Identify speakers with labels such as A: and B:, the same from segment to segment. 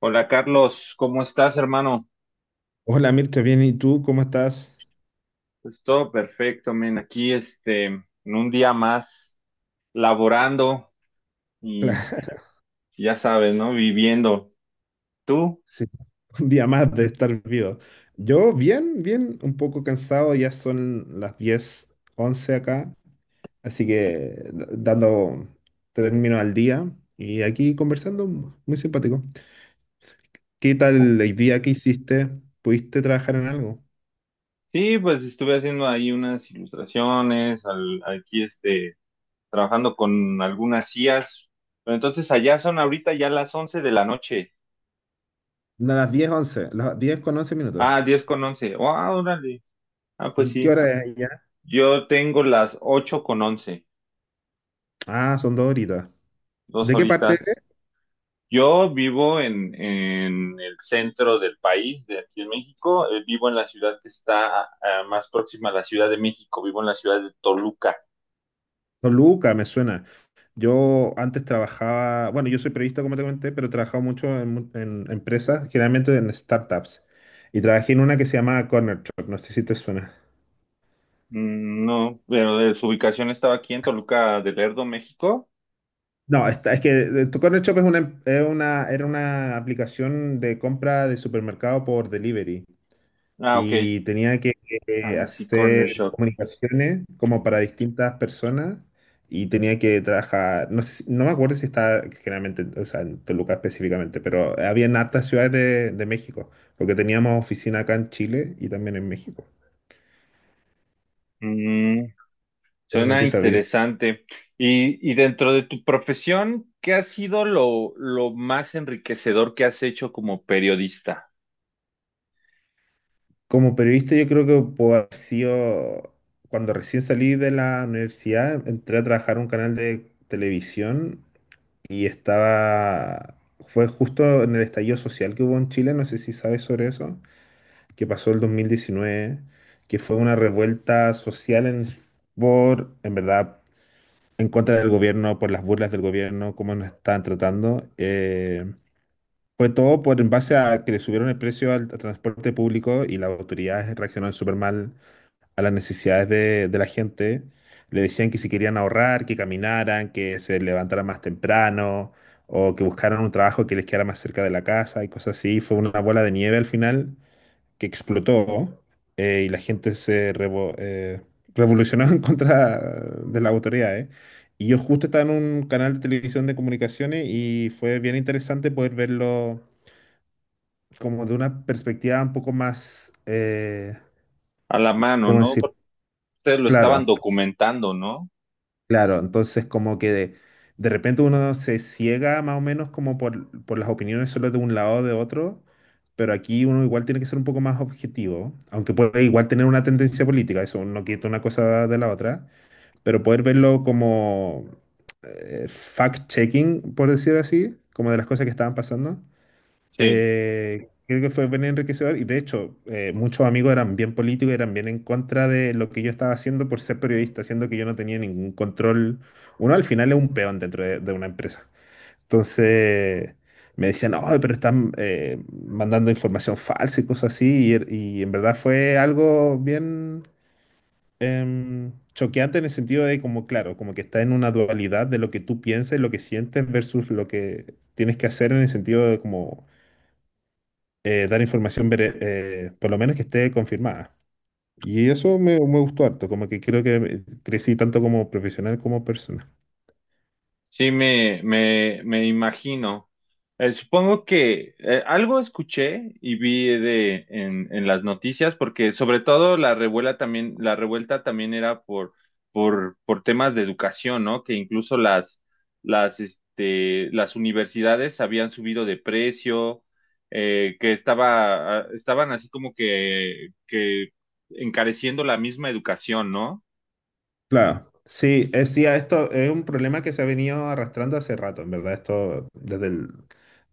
A: Hola Carlos, ¿cómo estás, hermano?
B: Hola Mircha, bien, ¿y tú cómo estás?
A: Pues todo perfecto, men. Aquí, este, en un día más laborando y
B: Claro,
A: ya sabes, ¿no? Viviendo. ¿Tú?
B: sí, un día más de estar vivo. Yo bien, bien, un poco cansado, ya son las 10 11 acá, así que dando término al día y aquí conversando, muy simpático. ¿Qué tal el día que hiciste? ¿Pudiste trabajar en algo?
A: Sí, pues estuve haciendo ahí unas ilustraciones, aquí, este, trabajando con algunas IAs. Pero entonces allá son ahorita ya las 11 de la noche.
B: No, las diez once, las diez con once minutos.
A: Ah, 10:11. Ah, órale. Ah, pues
B: ¿Y qué
A: sí.
B: hora es ya?
A: Yo tengo las 8:11,
B: Ah, son dos horitas.
A: dos
B: ¿De qué parte
A: horitas.
B: eres?
A: Yo vivo en el centro del país, de aquí en México. Vivo en la ciudad que está más próxima a la Ciudad de México. Vivo en la ciudad de Toluca.
B: Toluca, me suena. Yo antes trabajaba, bueno, yo soy periodista, como te comenté, pero he trabajado mucho en empresas, generalmente en startups. Y trabajé en una que se llamaba Corner Shop, no sé si te suena.
A: Mm, no, pero su ubicación estaba aquí en Toluca de Lerdo, México.
B: No, es que tu Corner Shop es una, es era una aplicación de compra de supermercado por delivery.
A: Ah, ok.
B: Y tenía que
A: Ah, sí, Corner
B: hacer
A: Shop.
B: comunicaciones como para distintas personas y tenía que trabajar, no sé no me acuerdo si estaba generalmente, o sea, en Toluca específicamente, pero había en hartas ciudades de México, porque teníamos oficina acá en Chile y también en México,
A: Mm,
B: pero no
A: suena
B: empieza a abrir.
A: interesante. Y dentro de tu profesión, ¿qué ha sido lo más enriquecedor que has hecho como periodista?
B: Como periodista yo creo que puedo haber sido, cuando recién salí de la universidad, entré a trabajar en un canal de televisión y estaba, fue justo en el estallido social que hubo en Chile, no sé si sabes sobre eso, que pasó el 2019, que fue una revuelta social en, por, en verdad, en contra del gobierno, por las burlas del gobierno, cómo nos estaban tratando. Fue todo por en base a que le subieron el precio al transporte público y las autoridades reaccionaron súper mal a las necesidades de la gente. Le decían que si querían ahorrar, que caminaran, que se levantaran más temprano o que buscaran un trabajo que les quedara más cerca de la casa y cosas así. Fue una bola de nieve al final que explotó, y la gente revolucionó en contra de las autoridades. Y yo justo estaba en un canal de televisión de comunicaciones y fue bien interesante poder verlo como de una perspectiva un poco más,
A: A la mano,
B: ¿cómo
A: ¿no?
B: decir?
A: Porque ustedes lo estaban
B: Claro.
A: documentando, ¿no?
B: Claro, entonces como que de repente uno se ciega más o menos como por las opiniones solo de un lado o de otro, pero aquí uno igual tiene que ser un poco más objetivo, aunque puede igual tener una tendencia política, eso no quita una cosa de la otra, pero poder verlo como fact-checking, por decir así, como de las cosas que estaban pasando,
A: Sí.
B: creo que fue bien enriquecedor y de hecho muchos amigos eran bien políticos, eran bien en contra de lo que yo estaba haciendo por ser periodista, siendo que yo no tenía ningún control. Uno al final es un peón dentro de una empresa. Entonces me decían, no, pero están mandando información falsa y cosas así. Y en verdad fue algo bien choqueante en el sentido de como, claro, como que está en una dualidad de lo que tú piensas y lo que sientes versus lo que tienes que hacer en el sentido de como dar información, por lo menos que esté confirmada. Y eso me gustó harto, como que creo que crecí tanto como profesional como persona.
A: Sí, me imagino. Supongo que algo escuché y vi de en las noticias, porque sobre todo la revuelta también era por, temas de educación, ¿no? Que incluso este, las universidades habían subido de precio, que estaban así como que encareciendo la misma educación, ¿no?
B: Claro, sí, es, sí, esto es un problema que se ha venido arrastrando hace rato, en verdad, esto desde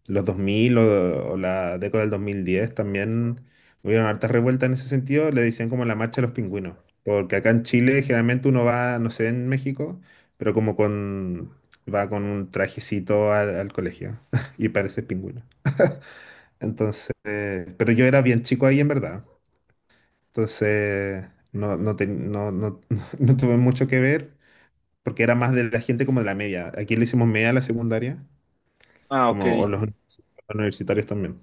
B: los 2000 o la década del 2010 también hubieron hartas revueltas en ese sentido, le decían como la marcha de los pingüinos, porque acá en Chile generalmente uno va, no sé, en México, pero como con, va con un trajecito al colegio y parece pingüino. Entonces, pero yo era bien chico ahí en verdad. Entonces, no, no, no tuve mucho que ver porque era más de la gente como de la media. Aquí le hicimos media a la secundaria,
A: Ah, ok.
B: como o universitarios también.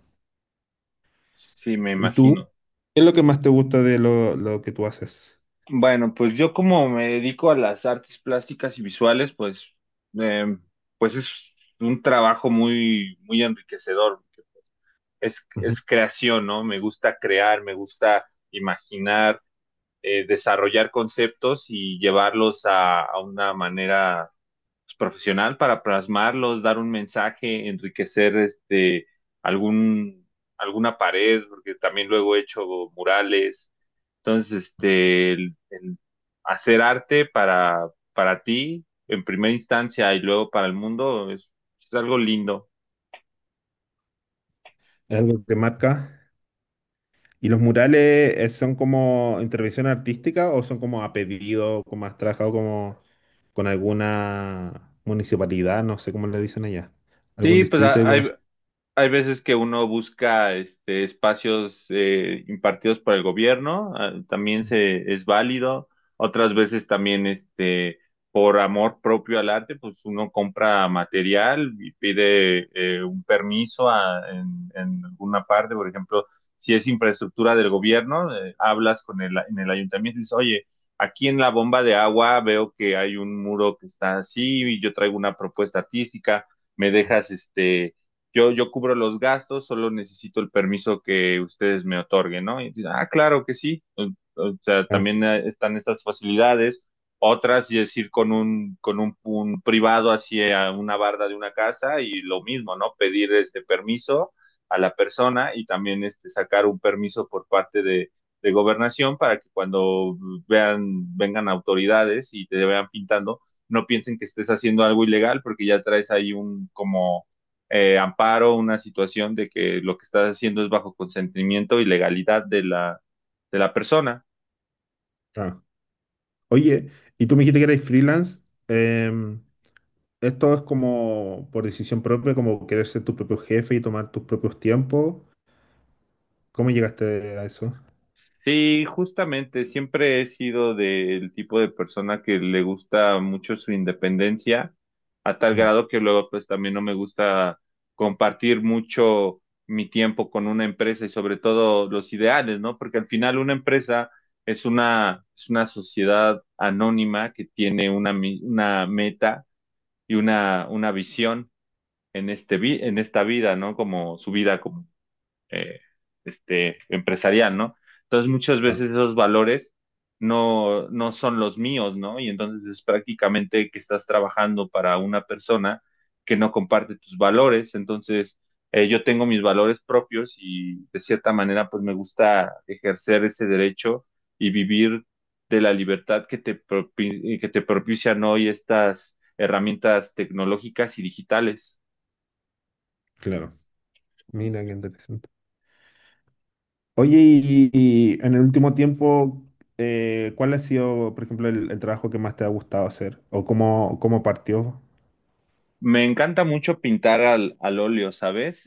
A: Sí, me
B: ¿Y tú?
A: imagino.
B: ¿Qué es lo que más te gusta de lo que tú haces?
A: Bueno, pues yo como me dedico a las artes plásticas y visuales, em, pues es un trabajo muy, muy enriquecedor. Es,
B: Ujú.
A: es creación, ¿no? Me gusta crear, me gusta imaginar, desarrollar conceptos y llevarlos a una manera pues, profesional para plasmarlos, dar un mensaje, enriquecer este algún alguna pared, porque también luego he hecho murales entonces, este, el hacer arte para, ti en primera instancia y luego para el mundo es algo lindo.
B: ¿Es algo que te marca? ¿Y los murales son como intervención artística o son como a pedido, como has trabajado como con alguna municipalidad, no sé cómo le dicen allá, algún
A: Sí, pues
B: distrito,
A: a-
B: alguna?
A: hay, Hay veces que uno busca este, espacios impartidos por el gobierno, también es válido. Otras veces también este, por amor propio al arte, pues uno compra material y pide un permiso en alguna parte. Por ejemplo, si es infraestructura del gobierno, hablas en el ayuntamiento y dices, oye, aquí en la bomba de agua veo que hay un muro que está así y yo traigo una propuesta artística, me dejas este yo cubro los gastos, solo necesito el permiso que ustedes me otorguen, ¿no? Y dice, ah, claro que sí. O sea,
B: Ah,
A: también están estas facilidades. Otras, es ir con un privado hacia una barda de una casa y lo mismo, ¿no? Pedir este permiso a la persona y también este, sacar un permiso por parte de gobernación para que cuando vengan autoridades y te vean pintando, no piensen que estés haciendo algo ilegal porque ya traes ahí un como amparo, una situación de que lo que estás haciendo es bajo consentimiento y legalidad de la persona.
B: ah. Oye, y tú me dijiste que eres freelance. em, ¿Esto es como por decisión propia, como querer ser tu propio jefe y tomar tus propios tiempos? ¿Cómo llegaste a eso?
A: Sí, justamente, siempre he sido del tipo de persona que le gusta mucho su independencia, a tal
B: Mm,
A: grado que luego pues también no me gusta compartir mucho mi tiempo con una empresa y sobre todo los ideales, ¿no? Porque al final una empresa es una, sociedad anónima que tiene una meta y una visión en esta vida, ¿no? Como su vida como eh, este empresarial, ¿no? Entonces muchas
B: ah,
A: veces esos valores no, no son los míos, ¿no? Y entonces es prácticamente que estás trabajando para una persona que no comparte tus valores. Entonces, yo tengo mis valores propios y de cierta manera, pues me gusta ejercer ese derecho y vivir de la libertad que te propician hoy estas herramientas tecnológicas y digitales.
B: claro. Mira, qué interesante. Oye, y en el último tiempo, ¿cuál ha sido, por ejemplo, el trabajo que más te ha gustado hacer? ¿O cómo, cómo partió?
A: Me encanta mucho pintar al óleo, ¿sabes?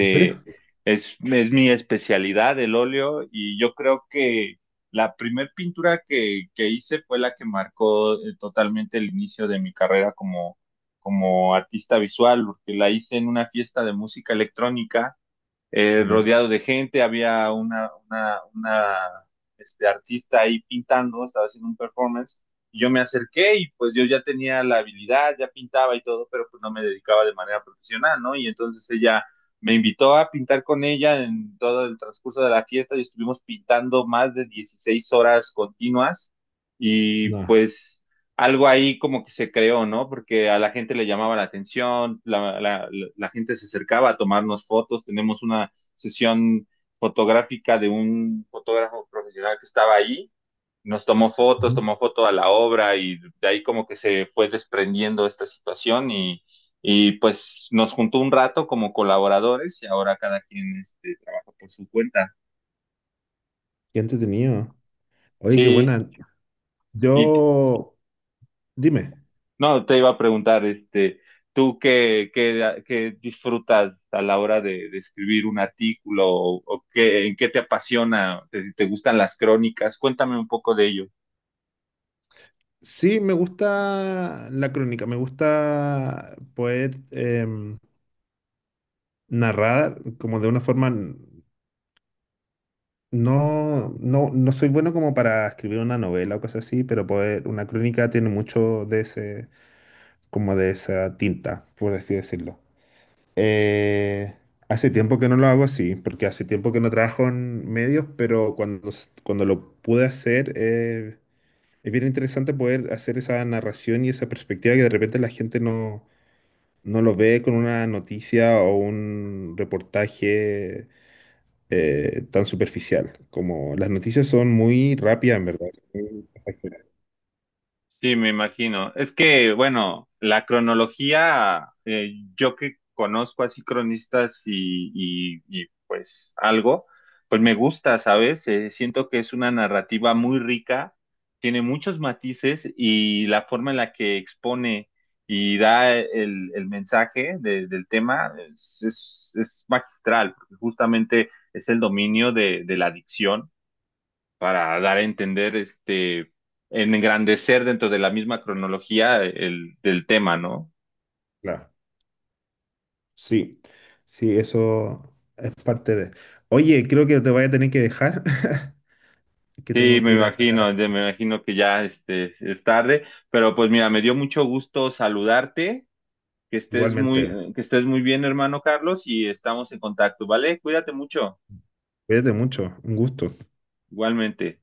B: ¿En serio?
A: es mi especialidad, el óleo, y yo creo que la primer pintura que hice fue la que marcó totalmente el inicio de mi carrera como artista visual, porque la hice en una fiesta de música electrónica
B: Ya.
A: rodeado de gente, había una este, artista ahí pintando, estaba haciendo un performance, y yo me acerqué y pues yo ya tenía la habilidad, ya pintaba y todo, pero pues no me dedicaba de manera profesional, ¿no? Y entonces ella me invitó a pintar con ella en todo el transcurso de la fiesta y estuvimos pintando más de 16 horas continuas y
B: No.
A: algo ahí como que se creó, ¿no? Porque a la gente le llamaba la atención, la gente se acercaba a tomarnos fotos, tenemos una sesión fotográfica de un fotógrafo profesional que estaba ahí, nos tomó fotos,
B: Ujú.
A: tomó foto a la obra y de ahí como que se fue desprendiendo esta situación y pues nos juntó un rato como colaboradores y ahora cada quien este, trabaja por su cuenta.
B: Qué entretenido. Oye, qué
A: Sí,
B: buena.
A: y,
B: Yo, dime.
A: No, te iba a preguntar, este, ¿tú qué, disfrutas a la hora de escribir un artículo o qué, en qué te apasiona? ¿Te gustan las crónicas? Cuéntame un poco de ello.
B: Sí, me gusta la crónica, me gusta poder narrar como de una forma, no, no, no soy bueno como para escribir una novela o cosas así, pero poder, una crónica tiene mucho de ese, como de esa tinta, por así decirlo. Eh, hace tiempo que no lo hago así, porque hace tiempo que no trabajo en medios, pero cuando, cuando lo pude hacer, es bien interesante poder hacer esa narración y esa perspectiva que de repente la gente no lo ve con una noticia o un reportaje tan superficial. Como las noticias son muy rápidas, en verdad, son muy pasajeras.
A: Sí, me imagino. Es que, bueno, la cronología, yo que conozco así cronistas y, pues algo, pues me gusta, ¿sabes? Siento que es una narrativa muy rica, tiene muchos matices y la forma en la que expone y da el mensaje del tema es, magistral, porque justamente es el dominio de la dicción para dar a entender, este, engrandecer dentro de la misma cronología del tema, ¿no?
B: Claro, sí, sí, eso es parte de. Oye, creo que te voy a tener que dejar, que
A: Sí,
B: tengo que
A: me
B: ir a
A: imagino,
B: sacar.
A: ya me imagino que ya este, es tarde, pero pues mira, me dio mucho gusto saludarte,
B: Igualmente.
A: que estés muy bien, hermano Carlos, y estamos en contacto, ¿vale? Cuídate mucho,
B: Cuídate mucho, un gusto.
A: igualmente.